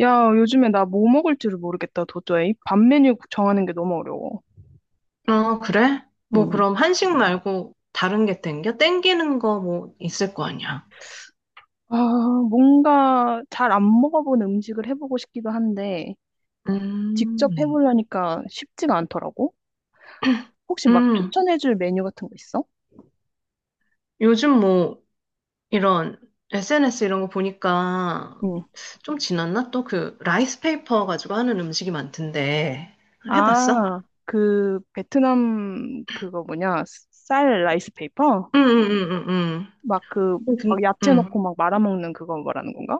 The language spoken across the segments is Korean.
야, 요즘에 나 뭐 먹을지를 모르겠다, 도저히. 밥 메뉴 정하는 게 너무 어려워. 아, 그래? 뭐 음, 그럼 한식 말고 다른 게 땡겨? 땡기는 거 뭐 있을 거 아니야. 아, 뭔가 잘 안 먹어본 음식을 해보고 싶기도 한데, 직접 음, 해보려니까 쉽지가 않더라고. 혹시 막 음, 추천해줄 메뉴 같은 거 있어? 요즘 뭐 이런 SNS 이런 거 보니까 음. 좀 지났나? 또 그 라이스 페이퍼 가지고 하는 음식이 많던데 해봤어? 아, 그, 베트남, 그거 뭐냐, 쌀 라이스 페이퍼? 응응응응응. 막 그, 막 음, 야채 넣고 음. 막 말아먹는 그거 말하는 건가?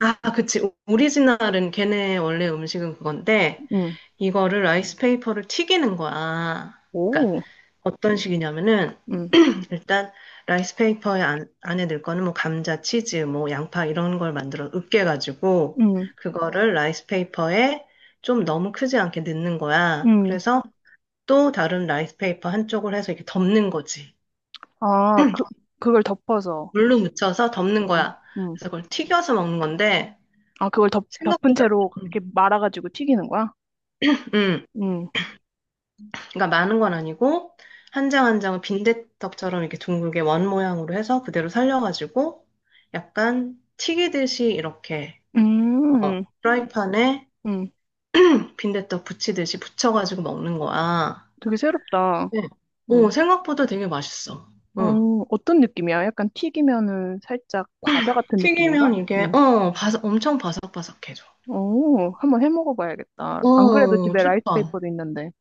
아, 그치. 오리지널은 걔네 원래 음식은 그건데 음, 이거를 라이스 페이퍼를 튀기는 거야. 그러니까 오, 어떤 식이냐면은 음, 일단 라이스페이퍼에 안, 안에 넣을 거는 뭐 감자, 치즈, 뭐 양파 이런 걸 만들어 으깨가지고 음, 그거를 라이스페이퍼에 좀 너무 크지 않게 넣는 거야. 음. 그래서 또 다른 라이스페이퍼 한쪽을 해서 이렇게 덮는 거지. 아, 그, 그걸 덮어서. 물로 묻혀서 덮는 거야. 음, 그래서 그걸 튀겨서 먹는 건데 그걸 덮은 생각보다 채로 음, 이렇게 말아가지고 튀기는 거야? 음. 음, 그러니까 많은 건 아니고 한 장 한 장을 빈대떡처럼 이렇게 둥글게 원 모양으로 해서 그대로 살려가지고 약간 튀기듯이 이렇게 어, 음, 프라이팬에 음. 빈대떡 부치듯이 부쳐가지고 먹는 거야. 되게 새롭다. 네. 오, 음. 생각보다 되게 맛있어. 어, 응. 어떤 느낌이야? 약간 튀기면은 살짝 과자 같은 느낌인가? 튀기면 이게, 음. 어, 바삭, 엄청 바삭바삭해져. 오, 한번 해 먹어봐야겠다. 안 그래도 어, 집에 추천. 라이스페이퍼도 있는데.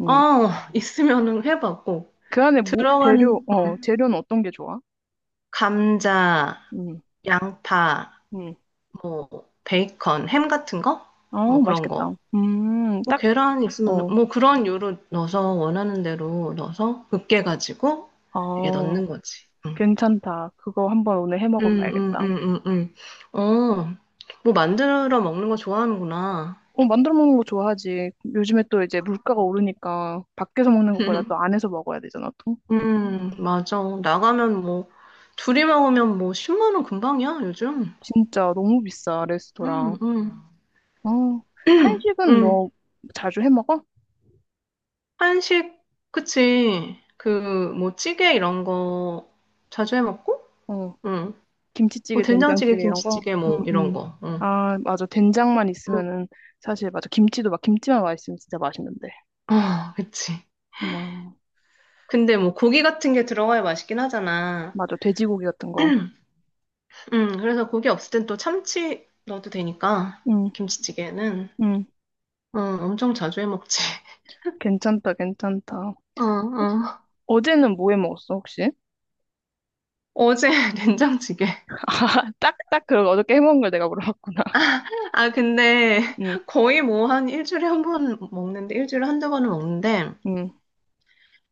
음. 어, 있으면은 해봐, 꼭. 그 안에 뭐, 재료, 들어가는, 어, 재료는 어떤 게 좋아? 감자, 음, 양파, 음. 뭐, 베이컨, 햄 같은 거? 아, 뭐 그런 거. 맛있겠다. 뭐 딱, 계란 있으면, 어, 뭐 그런 요로 넣어서 원하는 대로 넣어서 으깨가지고 이게 아, 넣는 거지. 응. 괜찮다. 그거 한번 오늘 해 음, 음, 먹어봐야겠다. 음, 음, 음. 어, 뭐 만들어 먹는 거 좋아하는구나. 어, 만들어 먹는 거 좋아하지. 요즘에 또 이제 물가가 오르니까 밖에서 먹는 것보다 또 안에서 먹어야 되잖아, 또. 맞아. 나가면 뭐, 둘이 먹으면 뭐, 10만 원 금방이야, 요즘. 진짜 너무 비싸, 음, 레스토랑. 음, 어, 한식은 음. 너 자주 해 먹어? 한식, 그치. 그, 뭐, 찌개 이런 거 자주 해 먹고? 어, 응. 뭐, 김치찌개, 된장찌개, 된장찌개 이런 거? 김치찌개 응, 뭐, 이런 응. 거. 응. 아, 맞아. 된장만 응. 있으면은 사실 맞아. 김치도 막 김치만 맛있으면 진짜 맛있는데. 아, 그치. 와, 근데 뭐, 고기 같은 게 들어가야 맛있긴 하잖아. 맞아. 돼지고기 같은 거. 그래서 고기 없을 땐 또 참치 넣어도 되니까, 응, 김치찌개는. 응. 어, 엄청 자주 해 먹지. 괜찮다, 괜찮다. 어, 어. 어제는 뭐 해 먹었어, 혹시? 어제 된장찌개. 아, 딱, 딱, 그 어저께 해 먹은 걸 내가 물어봤구나. 아, 근데 응, 거의 뭐 한 일주일에 한 번 먹는데, 일주일에 한두 번은 먹는데, 응.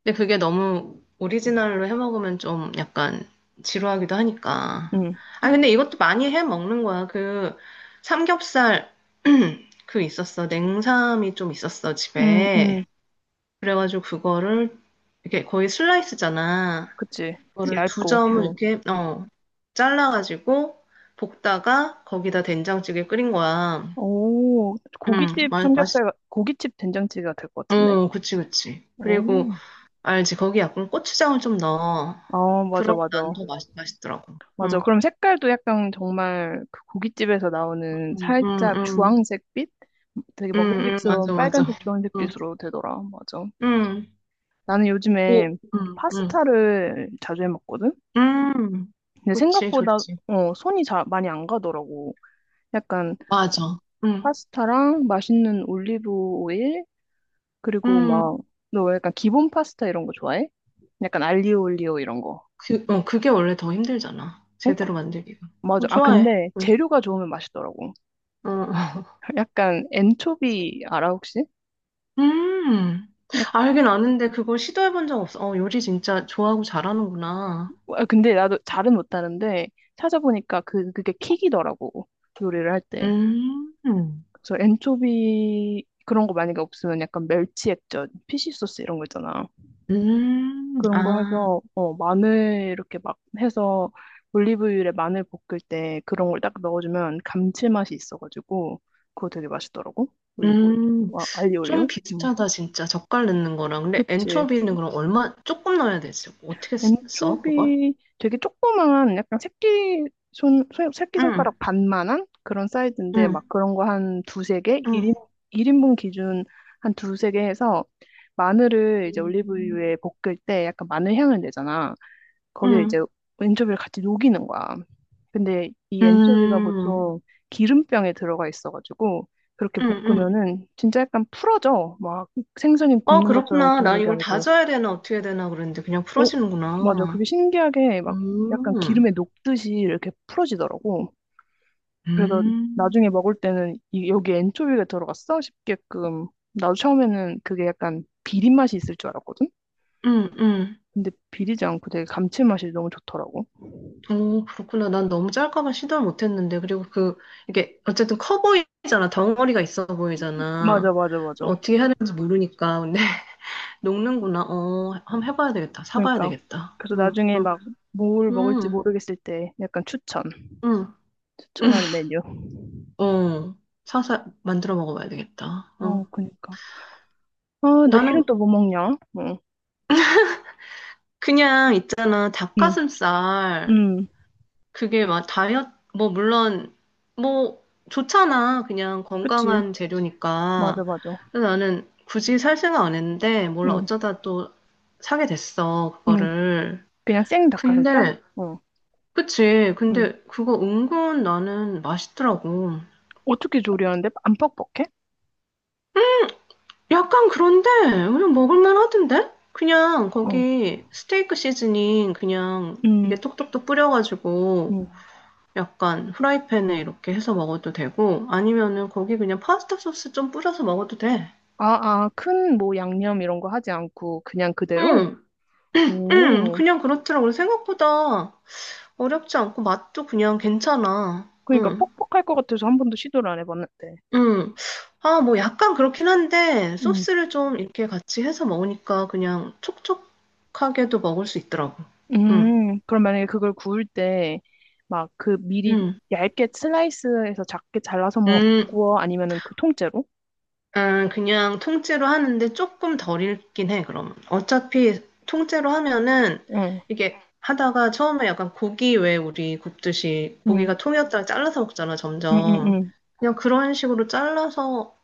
근데 그게 너무 오리지널로 해 먹으면 좀 약간 지루하기도 하니까. 응, 아, 근데 이것도 많이 해 먹는 거야. 그 삼겹살, 그 있었어. 냉삼이 좀 있었어, 응, 집에. 응, 그래가지고 그거를 이렇게 거의 슬라이스잖아. 그치. 그거를 두 얇고, 점을 응. 이렇게 어 잘라가지고 볶다가 거기다 된장찌개 끓인 거야. 오, 응, 고깃집 맛 맛있. 삼겹살, 고깃집 된장찌개가 될 것 같은데? 어, 그치, 그치. 오, 그리고 알지, 거기 약간 고추장을 좀 넣어. 아, 맞아, 그럼 맞아. 난 더 맛있더라고. 맞아. 응, 그럼 색깔도 약간 정말 그 고깃집에서 나오는 응, 응, 살짝 응, 주황색빛? 되게 응, 응, 먹음직스러운 맞아, 맞아. 빨간색, 응, 주황색빛으로 되더라. 맞아. 응, 나는 오, 요즘에 응, 응, 파스타를 자주 해 먹거든? 응, 근데 그치, 생각보다, 좋지. 손이 잘 많이 안 가더라고. 약간 맞아. 응, 파스타랑 맛있는 올리브 오일, 그리고 응. 막, 너 약간 기본 파스타 이런 거 좋아해? 약간 알리오 올리오 이런 거. 그, 어, 그게 원래 더 힘들잖아. 어? 제대로 만들기가. 맞아. 어, 아, 좋아해. 근데 응. 재료가 좋으면 맛있더라고. 어, 어. 약간 엔초비 알아, 혹시? 음. 약- 알긴 아는데 그걸 시도해본 적 없어. 어, 요리 진짜 좋아하고 잘하는구나. 아, 근데 나도 잘은 못하는데 찾아보니까 그게 킥이더라고. 요리를 할 때. 음, 그래서 엔초비 그런 거 만약에 없으면 약간 멸치 액젓, 피쉬 소스 이런 거 있잖아. 그런 거 아, 해서 마늘 이렇게 막 해서 올리브유에 마늘 볶을 때 그런 걸 딱 넣어주면 감칠맛이 있어가지고 그거 되게 맛있더라고. 올리브유. 음. 와, 좀 알리올리오. 비슷하다, 진짜. 젓갈 넣는 거랑. 근데 그치. 엔초비는 그럼 얼마, 조금 넣어야 되지. 어떻게 써, 그걸? 엔초비 되게 조그만 약간 새끼 새끼 응, 손가락 반만한 그런 사이즈인데 응, 막 그런 거 한 두세 개 1인 응. 일인분 기준 한 두세 개 해서 마늘을 이제 응, 올리브유에 볶을 때 약간 마늘 향을 내잖아. 거기에 이제 응, 엔초비를 같이 녹이는 거야. 근데 이 엔초비가 응, 보통 기름병에 들어가 있어가지고 그렇게 응, 응. 볶으면은 진짜 약간 풀어져. 막 생선이 아, 굽는 것처럼 그렇구나. 난 굽는 게 이걸 아니고, 다져야 되나, 어떻게 해야 되나 그랬는데, 그냥 어? 맞아. 풀어지는구나. 그게 신기하게 막 약간 음, 기름에 녹듯이 이렇게 풀어지더라고. 그래서 음, 나중에 먹을 때는 이, 여기 엔초비가 들어갔어? 싶게끔. 나도 처음에는 그게 약간 비린 맛이 있을 줄 알았거든? 음, 음. 근데 비리지 않고 되게 감칠맛이 너무 좋더라고. 오, 그렇구나. 난 너무 짤까봐 시도를 못했는데. 그리고 그, 이게, 어쨌든 커 보이잖아. 덩어리가 있어 맞아, 보이잖아. 맞아, 그걸 맞아. 어떻게 해야 되는지 모르니까. 근데, 녹는구나. 어, 한번 해봐야 되겠다. 사봐야 그러니까 되겠다. 그래서 응, 나중에 응, 막 뭘 먹을지 응, 모르겠을 때 약간 추천 응, 응. 추천하는 메뉴. 어, 사서 만들어 먹어봐야 되겠다. 어. 어, 그러니까. 아, 나는 내일은 또 뭐 먹냐? 응, 그냥 있잖아, 응, 닭가슴살. 응. 그게 막 다이어트, 뭐, 물론, 뭐, 좋잖아. 그냥 그치. 건강한 맞아, 재료니까. 맞아. 그래서 나는 굳이 살 생각 안 했는데, 몰라, 응, 어쩌다 또 사게 됐어, 응. 그거를. 그냥 생 닭가슴살? 근데, 응, 그치. 응. 근데 그거 은근 나는 맛있더라고. 어떻게 조리하는데? 안 퍽퍽해? 약간 그런데, 그냥 먹을만 하던데? 그냥 응, 거기 스테이크 시즈닝 그냥 이게 응, 톡톡톡 뿌려가지고, 응. 약간 후라이팬에 이렇게 해서 먹어도 되고 아니면은 거기 그냥 파스타 소스 좀 뿌려서 먹어도 돼. 아, 아, 큰 뭐 양념 이런 거 하지 않고 그냥 그대로? 응, 응, 오, 그냥 그렇더라고. 생각보다 어렵지 않고 맛도 그냥 괜찮아. 그러니까 응, 퍽퍽할 것 같아서 한 번도 시도를 안 해봤는데. 응. 아, 뭐 약간 그렇긴 한데 응. 소스를 좀 이렇게 같이 해서 먹으니까 그냥 촉촉하게도 먹을 수 있더라고. 응, 그럼 만약에 그걸 구울 때, 막 그 미리 응, 얇게 슬라이스해서 작게 잘라서 응. 먹고, 아니면은 그 통째로? 아, 그냥 통째로 하는데 조금 덜 읽긴 해, 그럼. 어차피 통째로 하면은 응, 이게 하다가 처음에 약간 고기 왜 우리 굽듯이 응, 고기가 통이었다가 잘라서 먹잖아, 응, 응, 점점. 응, 그냥 그런 식으로 잘라서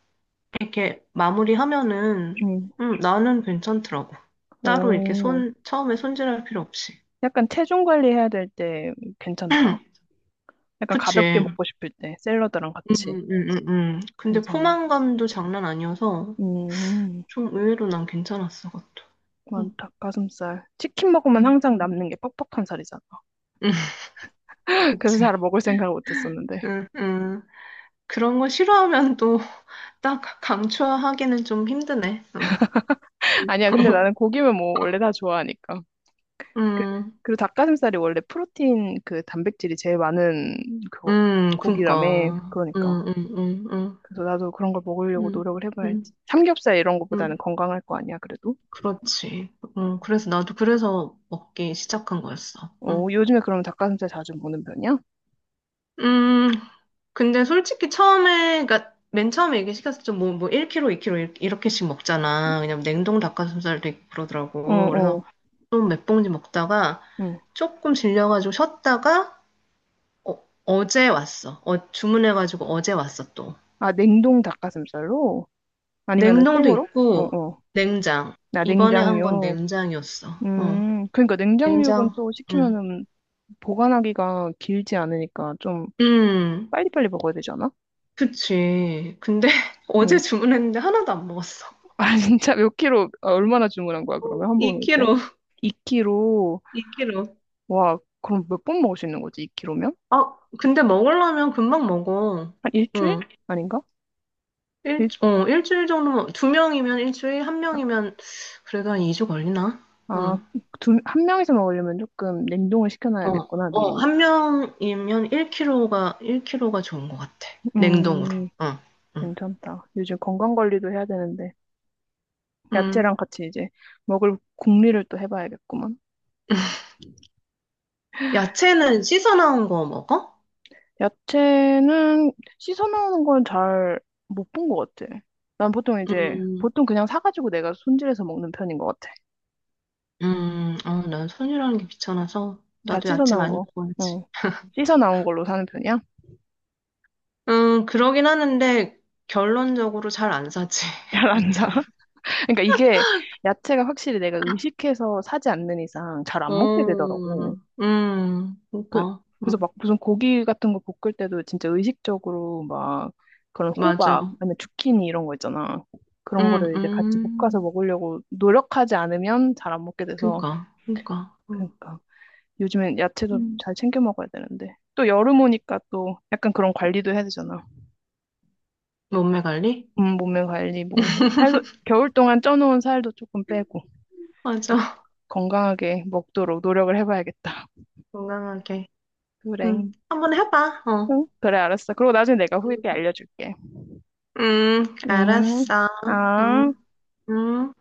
이렇게 마무리하면은 응. 나는 괜찮더라고. 따로 이렇게 오, 손, 처음에 손질할 필요 없이. 약간 체중 관리해야 될 때 괜찮다. 약간 가볍게 그치. 먹고 싶을 때, 샐러드랑 음, 같이. 음, 음, 음. 음. 근데 괜찮네. 포만감도 장난 아니어서 음, 좀 의외로 난 괜찮았어, 그것도. 난 음. 닭가슴살. 치킨 먹으면 항상 음. 남는 게 퍽퍽한 살이잖아. 그래서 그치. 잘 먹을 생각을 못 했었는데. 응, 응. 그런 거 싫어하면 또 딱 강추하기는 좀 힘드네. 응. 아니야, 근데 나는 고기면 뭐 원래 다 좋아하니까. 그- 음, 그리고 닭가슴살이 원래 프로틴 그 단백질이 제일 많은 그 고기라며. 그니까. 그러니까. 음, 음, 음, 그래서 나도 그런 걸 먹으려고 음, 노력을 해봐야지. 음, 삼겹살 이런 거보다는 음, 건강할 거 아니야, 그래도? 그렇지. 그래서 나도 그래서 먹기 시작한 거였어. 어, 요즘에 그러면 닭가슴살 자주 먹는 편이야? 음, 근데 솔직히 처음에, 그니까 맨 처음에 얘기 시켰을 때 뭐, 뭐 1kg, 2kg 이렇게씩 먹잖아. 왜냐면 냉동 닭가슴살도 있고 어, 그러더라고. 어, 그래서 좀 몇 봉지 먹다가 응. 조금 질려가지고 쉬었다가 어, 어제 왔어. 어, 주문해가지고 어제 왔어, 또. 아, 냉동 닭가슴살로? 아니면은 냉동도 생으로? 어, 있고, 어. 냉장. 나 이번에 한 건 냉장육. 냉장이었어. 어, 그러니까 냉장육은 냉장. 또 응. 시키면은 보관하기가 길지 않으니까 좀 음, 빨리빨리 먹어야 되잖아? 그치. 근데 어제 주문했는데 하나도 안 먹었어. 아, 진짜 몇 킬로, 아, 얼마나 주문한 거야, 그러면? 한 번 올 때? 2kg, 2kg, 2kg. 와, 그럼 몇 번 먹을 수 있는 거지, 2킬로면? 아, 근데 먹으려면 금방 먹어. 한 일주일? 응. 아닌가? 일, 일, 어, 일주일 정도면, 두 명이면 일주일, 한 명이면 그래도 한 2주 걸리나? 아, 응. 두, 한 명이서 먹으려면 조금 냉동을 어, 시켜놔야겠구나, 어, 미리. 한 명이면 1kg가, 일 킬로가 좋은 것 같아. 냉동으로. 음, 어, 응. 괜찮다. 요즘 건강 관리도 해야 되는데, 음. 야채랑 같이 이제 먹을 궁리를 또 해봐야겠구만. 야채는 씻어 나온 거 먹어? 야채는 씻어 놓는 건 잘 못 본 것 같아. 난 보통 이제, 음, 보통 그냥 사가지고 내가 손질해서 먹는 편인 것 같아. 어, 난 손이라는 게 귀찮아서. 다 나도 씻어 야채 나온 많이 거. 먹어야지. 어. 씻어 나온 걸로 사는 편이야? 그러긴 하는데, 결론적으로 잘 안 사지, 잘 안 사. 야채를. 그러니까 이게 야채가 확실히 내가 의식해서 사지 않는 이상 잘 안 먹게 되더라고. 그, 그니까. 그래서 막 무슨 고기 같은 거 볶을 때도 진짜 의식적으로 막 그런 호박, 맞아. 아니면 주키니 이런 거 있잖아. 그런 음, 거를 이제 같이 볶아서 음, 먹으려고 노력하지 않으면 잘 안 먹게 돼서. 그니까, 그니까. 음. 그러니까 요즘엔 야채도 음. 잘 챙겨 먹어야 되는데. 또 여름 오니까 또 약간 그런 관리도 해야 되잖아. 몸매 관리? 몸매 관리, 뭐, 살도, 겨울 동안 쪄놓은 살도 조금 빼고, 맞아. 건강하게 먹도록 노력을 해봐야겠다. 건강하게. 그래. 응. 한번 해봐. 어. 응? 그래, 알았어. 그리고 나중에 내가 후기 때 음. 알려줄게. 음, 알았어. 아. 음, 음.